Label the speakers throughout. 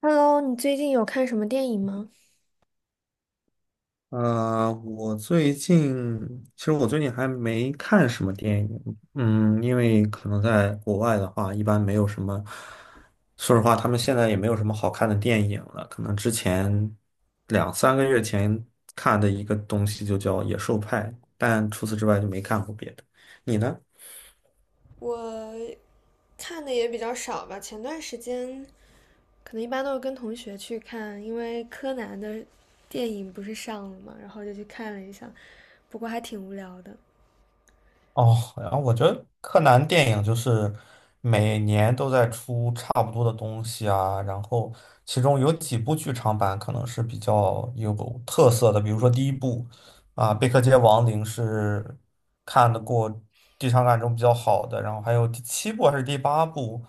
Speaker 1: Hello，你最近有看什么电影吗？
Speaker 2: 我最近其实我最近还没看什么电影，因为可能在国外的话，一般没有什么，说实话，他们现在也没有什么好看的电影了。可能之前两三个月前看的一个东西就叫《野兽派》，但除此之外就没看过别的。你呢？
Speaker 1: 我看的也比较少吧，前段时间可能一般都是跟同学去看，因为柯南的电影不是上了嘛，然后就去看了一下，不过还挺无聊的。
Speaker 2: 哦，然后我觉得柯南电影就是每年都在出差不多的东西啊，然后其中有几部剧场版可能是比较有特色的，比如说第一部啊，《贝克街亡灵》是看得过剧场版中比较好的，然后还有第七部还是第八部，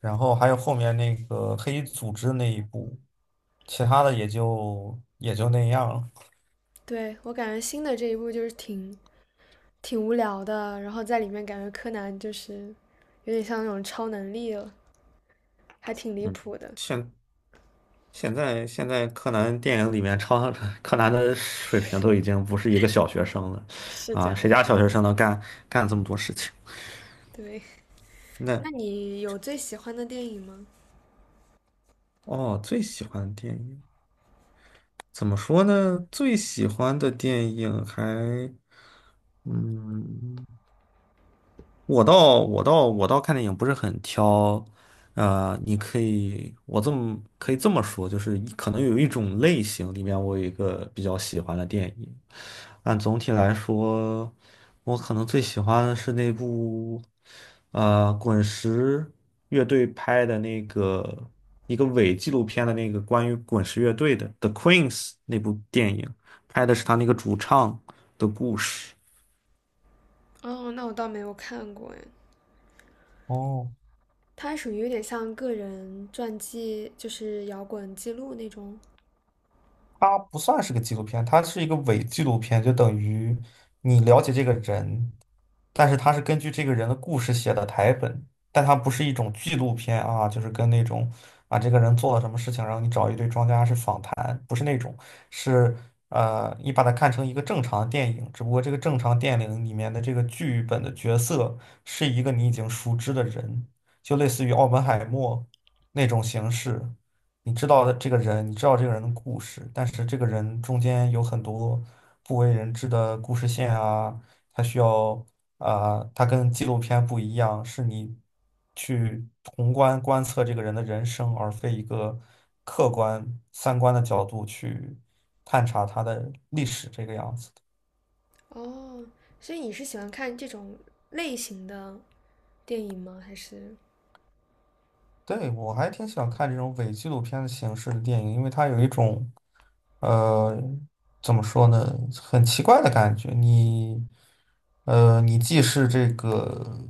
Speaker 2: 然后还有后面那个黑衣组织那一部，其他的也就那样了。
Speaker 1: 对，我感觉新的这一部就是挺无聊的，然后在里面感觉柯南就是有点像那种超能力了，还挺离
Speaker 2: 嗯，
Speaker 1: 谱的。
Speaker 2: 现现在柯南电影里面超 柯南的水平都已经不是一个小学生了，
Speaker 1: 是这
Speaker 2: 啊，谁
Speaker 1: 样的，
Speaker 2: 家小学生能干这么多事情？
Speaker 1: 对。
Speaker 2: 那
Speaker 1: 那你有最喜欢的电影吗？
Speaker 2: 哦，最喜欢的电影怎么说呢？最喜欢的电影嗯。我倒看电影不是很挑，你可以我可以这么说，就是可能有一种类型里面我有一个比较喜欢的电影，但总体来说，我可能最喜欢的是那部，滚石乐队拍的那个一个伪纪录片的那个关于滚石乐队的《The Queens》那部电影，拍的是他那个主唱的故事。
Speaker 1: 哦，那我倒没有看过哎。
Speaker 2: 哦。
Speaker 1: 它属于有点像个人传记，就是摇滚记录那种。
Speaker 2: 它不算是个纪录片，它是一个伪纪录片，就等于你了解这个人，但是它是根据这个人的故事写的台本，但它不是一种纪录片啊，就是跟那种啊这个人做了什么事情，然后你找一堆专家是访谈，不是那种，是你把它看成一个正常的电影，只不过这个正常电影里面的这个剧本的角色是一个你已经熟知的人，就类似于奥本海默那种形式。你知道的这个人，你知道这个人的故事，但是这个人中间有很多不为人知的故事线啊，他需要啊、呃他跟纪录片不一样，是你去宏观观测这个人的人生，而非一个客观三观的角度去探查他的历史这个样子。
Speaker 1: 哦，所以你是喜欢看这种类型的电影吗？还是
Speaker 2: 对，我还挺喜欢看这种伪纪录片的形式的电影，因为它有一种，呃，怎么说呢，很奇怪的感觉。你既是这个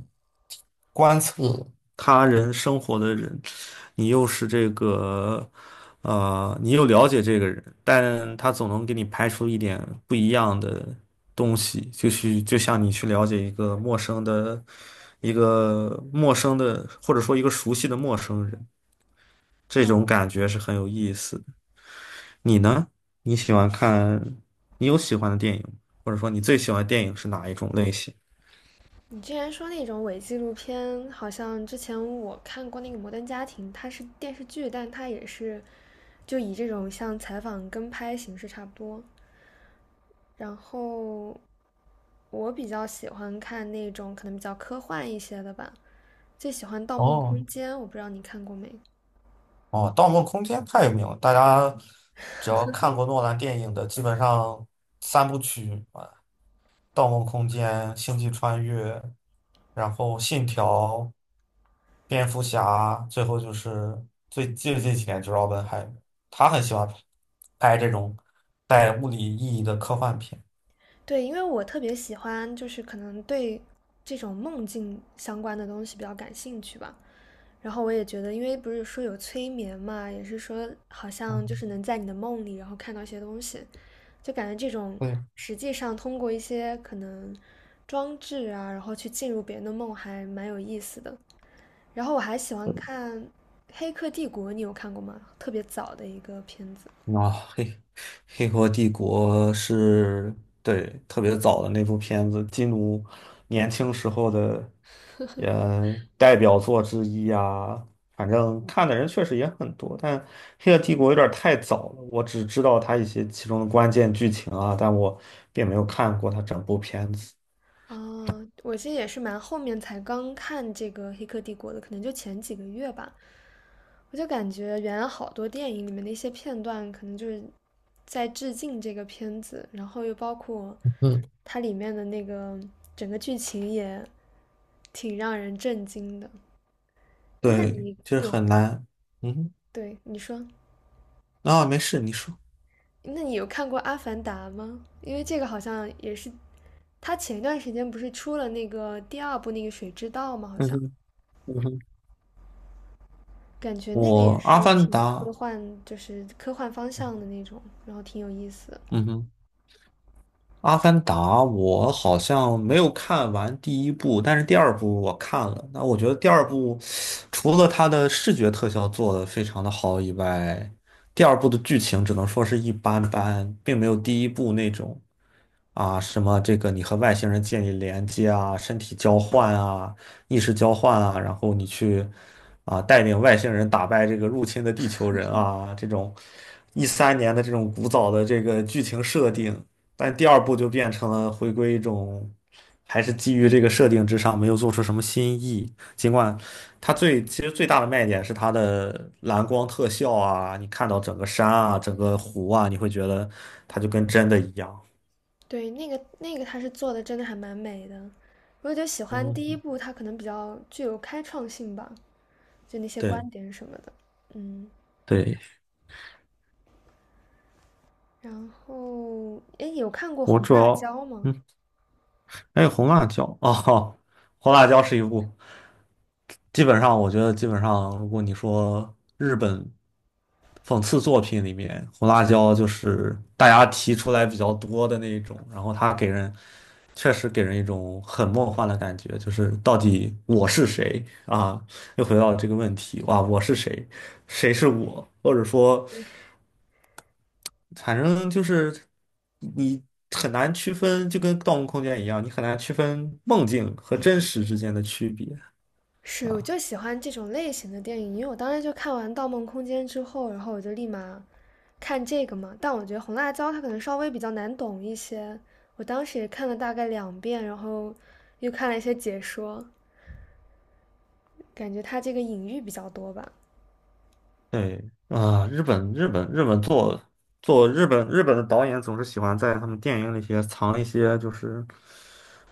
Speaker 2: 观测他人生活的人，你又是这个。啊，你又了解这个人，但他总能给你拍出一点不一样的东西，就是就像你去了解一个陌生的，或者说一个熟悉的陌生人，这种感觉是很有意思的。你呢？你喜欢看，你有喜欢的电影吗？或者说你最喜欢的电影是哪一种类型？
Speaker 1: 你之前说那种伪纪录片？好像之前我看过那个《摩登家庭》，它是电视剧，但它也是就以这种像采访跟拍形式差不多。然后我比较喜欢看那种可能比较科幻一些的吧，最喜欢《盗梦
Speaker 2: 哦
Speaker 1: 空间》，我不知道你看过没？
Speaker 2: 哦，《盗梦空间》太有名了，大家只要看过诺兰电影的，基本上三部曲《盗梦空间》《星际穿越》，然后《信条》蝙蝠侠，最后就是最近几年就是奥本海默，他很喜欢拍这种带物理意义的科幻片。
Speaker 1: 对，因为我特别喜欢，就是可能对这种梦境相关的东西比较感兴趣吧。然后我也觉得，因为不是说有催眠嘛，也是说好像就
Speaker 2: 嗯，
Speaker 1: 是能在你的梦里，然后看到一些东西，就感觉这种
Speaker 2: 对，
Speaker 1: 实际上通过一些可能装置啊，然后去进入别人的梦，还蛮有意思的。然后我还喜欢看《黑客帝国》，你有看过吗？特别早的一个片子。
Speaker 2: 啊，黑河帝国对，特别早的那部片子，基努年轻时候的也代表作之一啊。反正看的人确实也很多，但黑河帝国有点太早了，我只知道它一些其中的关键剧情啊，但我并没有看过它整部片子。
Speaker 1: 哦，我其实也是蛮后面才刚看这个《黑客帝国》的，可能就前几个月吧。我就感觉原来好多电影里面的一些片段，可能就是在致敬这个片子，然后又包括
Speaker 2: 嗯，
Speaker 1: 它里面的那个整个剧情也挺让人震惊的。诶那
Speaker 2: 对，
Speaker 1: 你
Speaker 2: 就是
Speaker 1: 有，
Speaker 2: 很难。嗯
Speaker 1: 对，你说，
Speaker 2: 哼啊，没事，你说。
Speaker 1: 那你有看过《阿凡达》吗？因为这个好像也是，它前一段时间不是出了那个第二部那个《水之道》吗？好
Speaker 2: 嗯
Speaker 1: 像。
Speaker 2: 哼嗯哼。
Speaker 1: 感觉那个
Speaker 2: 我
Speaker 1: 也
Speaker 2: 《阿
Speaker 1: 是
Speaker 2: 凡达》，
Speaker 1: 挺科幻，就是科幻方向的那种，然后挺有意思的。
Speaker 2: 嗯哼。《阿凡达》我好像没有看完第一部，但是第二部我看了。那我觉得第二部除了它的视觉特效做得非常的好以外，第二部的剧情只能说是一般般，并没有第一部那种啊什么这个你和外星人建立连接啊、身体交换啊、意识交换啊，然后你去啊带领外星人打败这个入侵的地球人啊这种2013年的这种古早的这个剧情设定。但第二部就变成了回归一种，还是基于这个设定之上，没有做出什么新意。尽管它其实最大的卖点是它的蓝光特效啊，你看到整个山啊、整个湖啊，你会觉得它就跟真的一样。
Speaker 1: 对，那个他是做的真的还蛮美的，我就喜欢第一
Speaker 2: 嗯，
Speaker 1: 部，它可能比较具有开创性吧，就那些
Speaker 2: 对
Speaker 1: 观点什么的。嗯，
Speaker 2: 对，
Speaker 1: 然后诶，有看过
Speaker 2: 我
Speaker 1: 《红
Speaker 2: 主
Speaker 1: 辣
Speaker 2: 要。
Speaker 1: 椒》吗？
Speaker 2: 嗯。还有红辣椒哦，红辣椒是一部，基本上我觉得基本上，如果你说日本讽刺作品里面，红辣椒就是大家提出来比较多的那一种，然后它确实给人一种很梦幻的感觉，就是到底我是谁啊？又回到这个问题，哇，我是谁？谁是我？或者说。反正就是你很难区分，就跟《盗梦空间》一样，你很难区分梦境和真实之间的区别
Speaker 1: 是，我
Speaker 2: 啊。
Speaker 1: 就喜欢这种类型的电影，因为我当时就看完《盗梦空间》之后，然后我就立马看这个嘛。但我觉得《红辣椒》它可能稍微比较难懂一些，我当时也看了大概两遍，然后又看了一些解说，感觉它这个隐喻比较多吧。
Speaker 2: 对啊，日本做日本的导演总是喜欢在他们电影里藏一些就是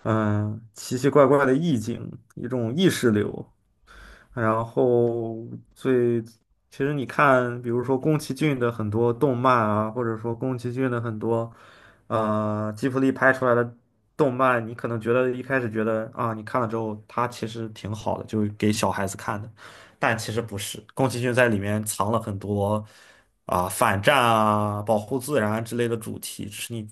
Speaker 2: 奇奇怪怪的意境，一种意识流，然后最，其实你看，比如说宫崎骏的很多动漫啊，或者说宫崎骏的很多，吉卜力拍出来的动漫，你可能一开始觉得啊，你看了之后，它其实挺好的，就是给小孩子看的，但其实不是，宫崎骏在里面藏了很多啊、反战啊、保护自然之类的主题，只是你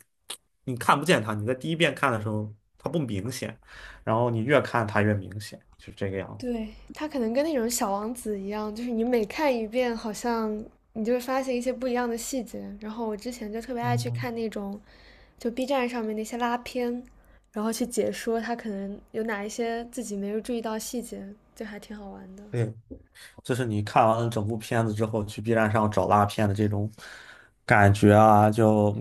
Speaker 2: 你看不见它，你在第一遍看的时候它不明显，然后你越看它越明显，就是这个样子。
Speaker 1: 对，他可能跟那种小王子一样，就是你每看一遍，好像你就会发现一些不一样的细节。然后我之前就特别爱
Speaker 2: 嗯
Speaker 1: 去看
Speaker 2: 嗯。
Speaker 1: 那种，就 B 站上面那些拉片，然后去解说他可能有哪一些自己没有注意到细节，就还挺好玩的。
Speaker 2: 对，就是你看完了整部片子之后，去 B 站上找烂片的这种感觉啊，就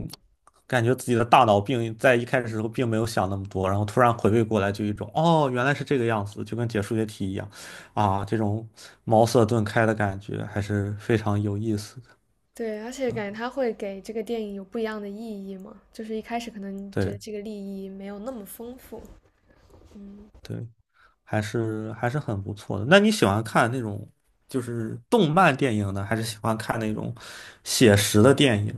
Speaker 2: 感觉自己的大脑在一开始的时候并没有想那么多，然后突然回味过来，就一种哦，原来是这个样子，就跟解数学题一样啊，这种茅塞顿开的感觉还是非常有意思的
Speaker 1: 对，而且
Speaker 2: 啊。
Speaker 1: 感觉他会给这个电影有不一样的意义嘛，就是一开始可能觉得
Speaker 2: 对
Speaker 1: 这个利益没有那么丰富。
Speaker 2: 对，还是很不错的。那你喜欢看那种就是动漫电影呢，还是喜欢看那种写实的电影？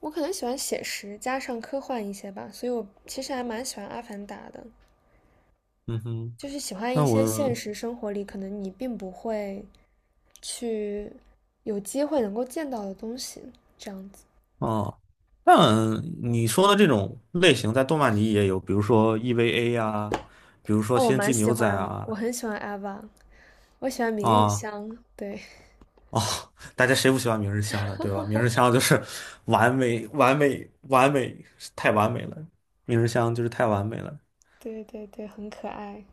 Speaker 1: 我可能喜欢写实加上科幻一些吧，所以我其实还蛮喜欢《阿凡达》的。
Speaker 2: 嗯哼。
Speaker 1: 就是喜欢一
Speaker 2: 那
Speaker 1: 些现
Speaker 2: 我
Speaker 1: 实生活里可能你并不会去有机会能够见到的东西，这样子。
Speaker 2: 哦，但你说的这种类型在动漫里也有，比如说 EVA 啊，比如说
Speaker 1: 哦，我
Speaker 2: 《星
Speaker 1: 蛮
Speaker 2: 际
Speaker 1: 喜
Speaker 2: 牛仔》
Speaker 1: 欢，我
Speaker 2: 啊，
Speaker 1: 很喜欢 Ava，我喜欢明日
Speaker 2: 啊
Speaker 1: 香，对，
Speaker 2: 哦，大家谁不喜欢明日香的，对吧？明日香就是完美、完美、完美，太完美了，明日香就是太完美了。
Speaker 1: 对对对，很可爱。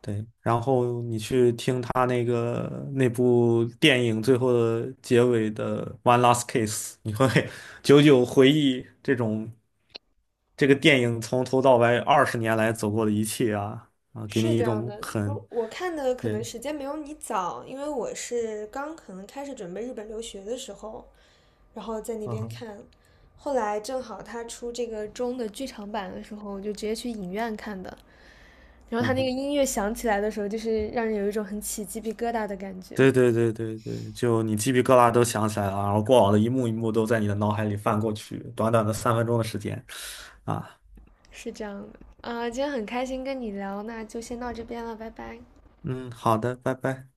Speaker 2: 对，然后你去听他那个那部电影最后的结尾的《One Last Kiss》，你会 久久回忆这个电影从头到尾20年来走过的一切啊啊，给
Speaker 1: 是
Speaker 2: 你
Speaker 1: 这
Speaker 2: 一
Speaker 1: 样
Speaker 2: 种
Speaker 1: 的，
Speaker 2: 很，
Speaker 1: 我看的可能
Speaker 2: 对，
Speaker 1: 时间没有你早，因为我是刚可能开始准备日本留学的时候，然后在那
Speaker 2: 嗯
Speaker 1: 边
Speaker 2: 哼，
Speaker 1: 看，后来正好他出这个中的剧场版的时候，我就直接去影院看的，然后他
Speaker 2: 嗯
Speaker 1: 那个
Speaker 2: 哼，
Speaker 1: 音乐响起来的时候，就是让人有一种很起鸡皮疙瘩的感觉，
Speaker 2: 对对对对对，就你鸡皮疙瘩都想起来了，然后过往的一幕一幕都在你的脑海里翻过去，短短的3分钟的时间啊，
Speaker 1: 是这样的，啊、今天很开心跟你聊，那就先到这边了，拜拜。
Speaker 2: 嗯，好的，拜拜。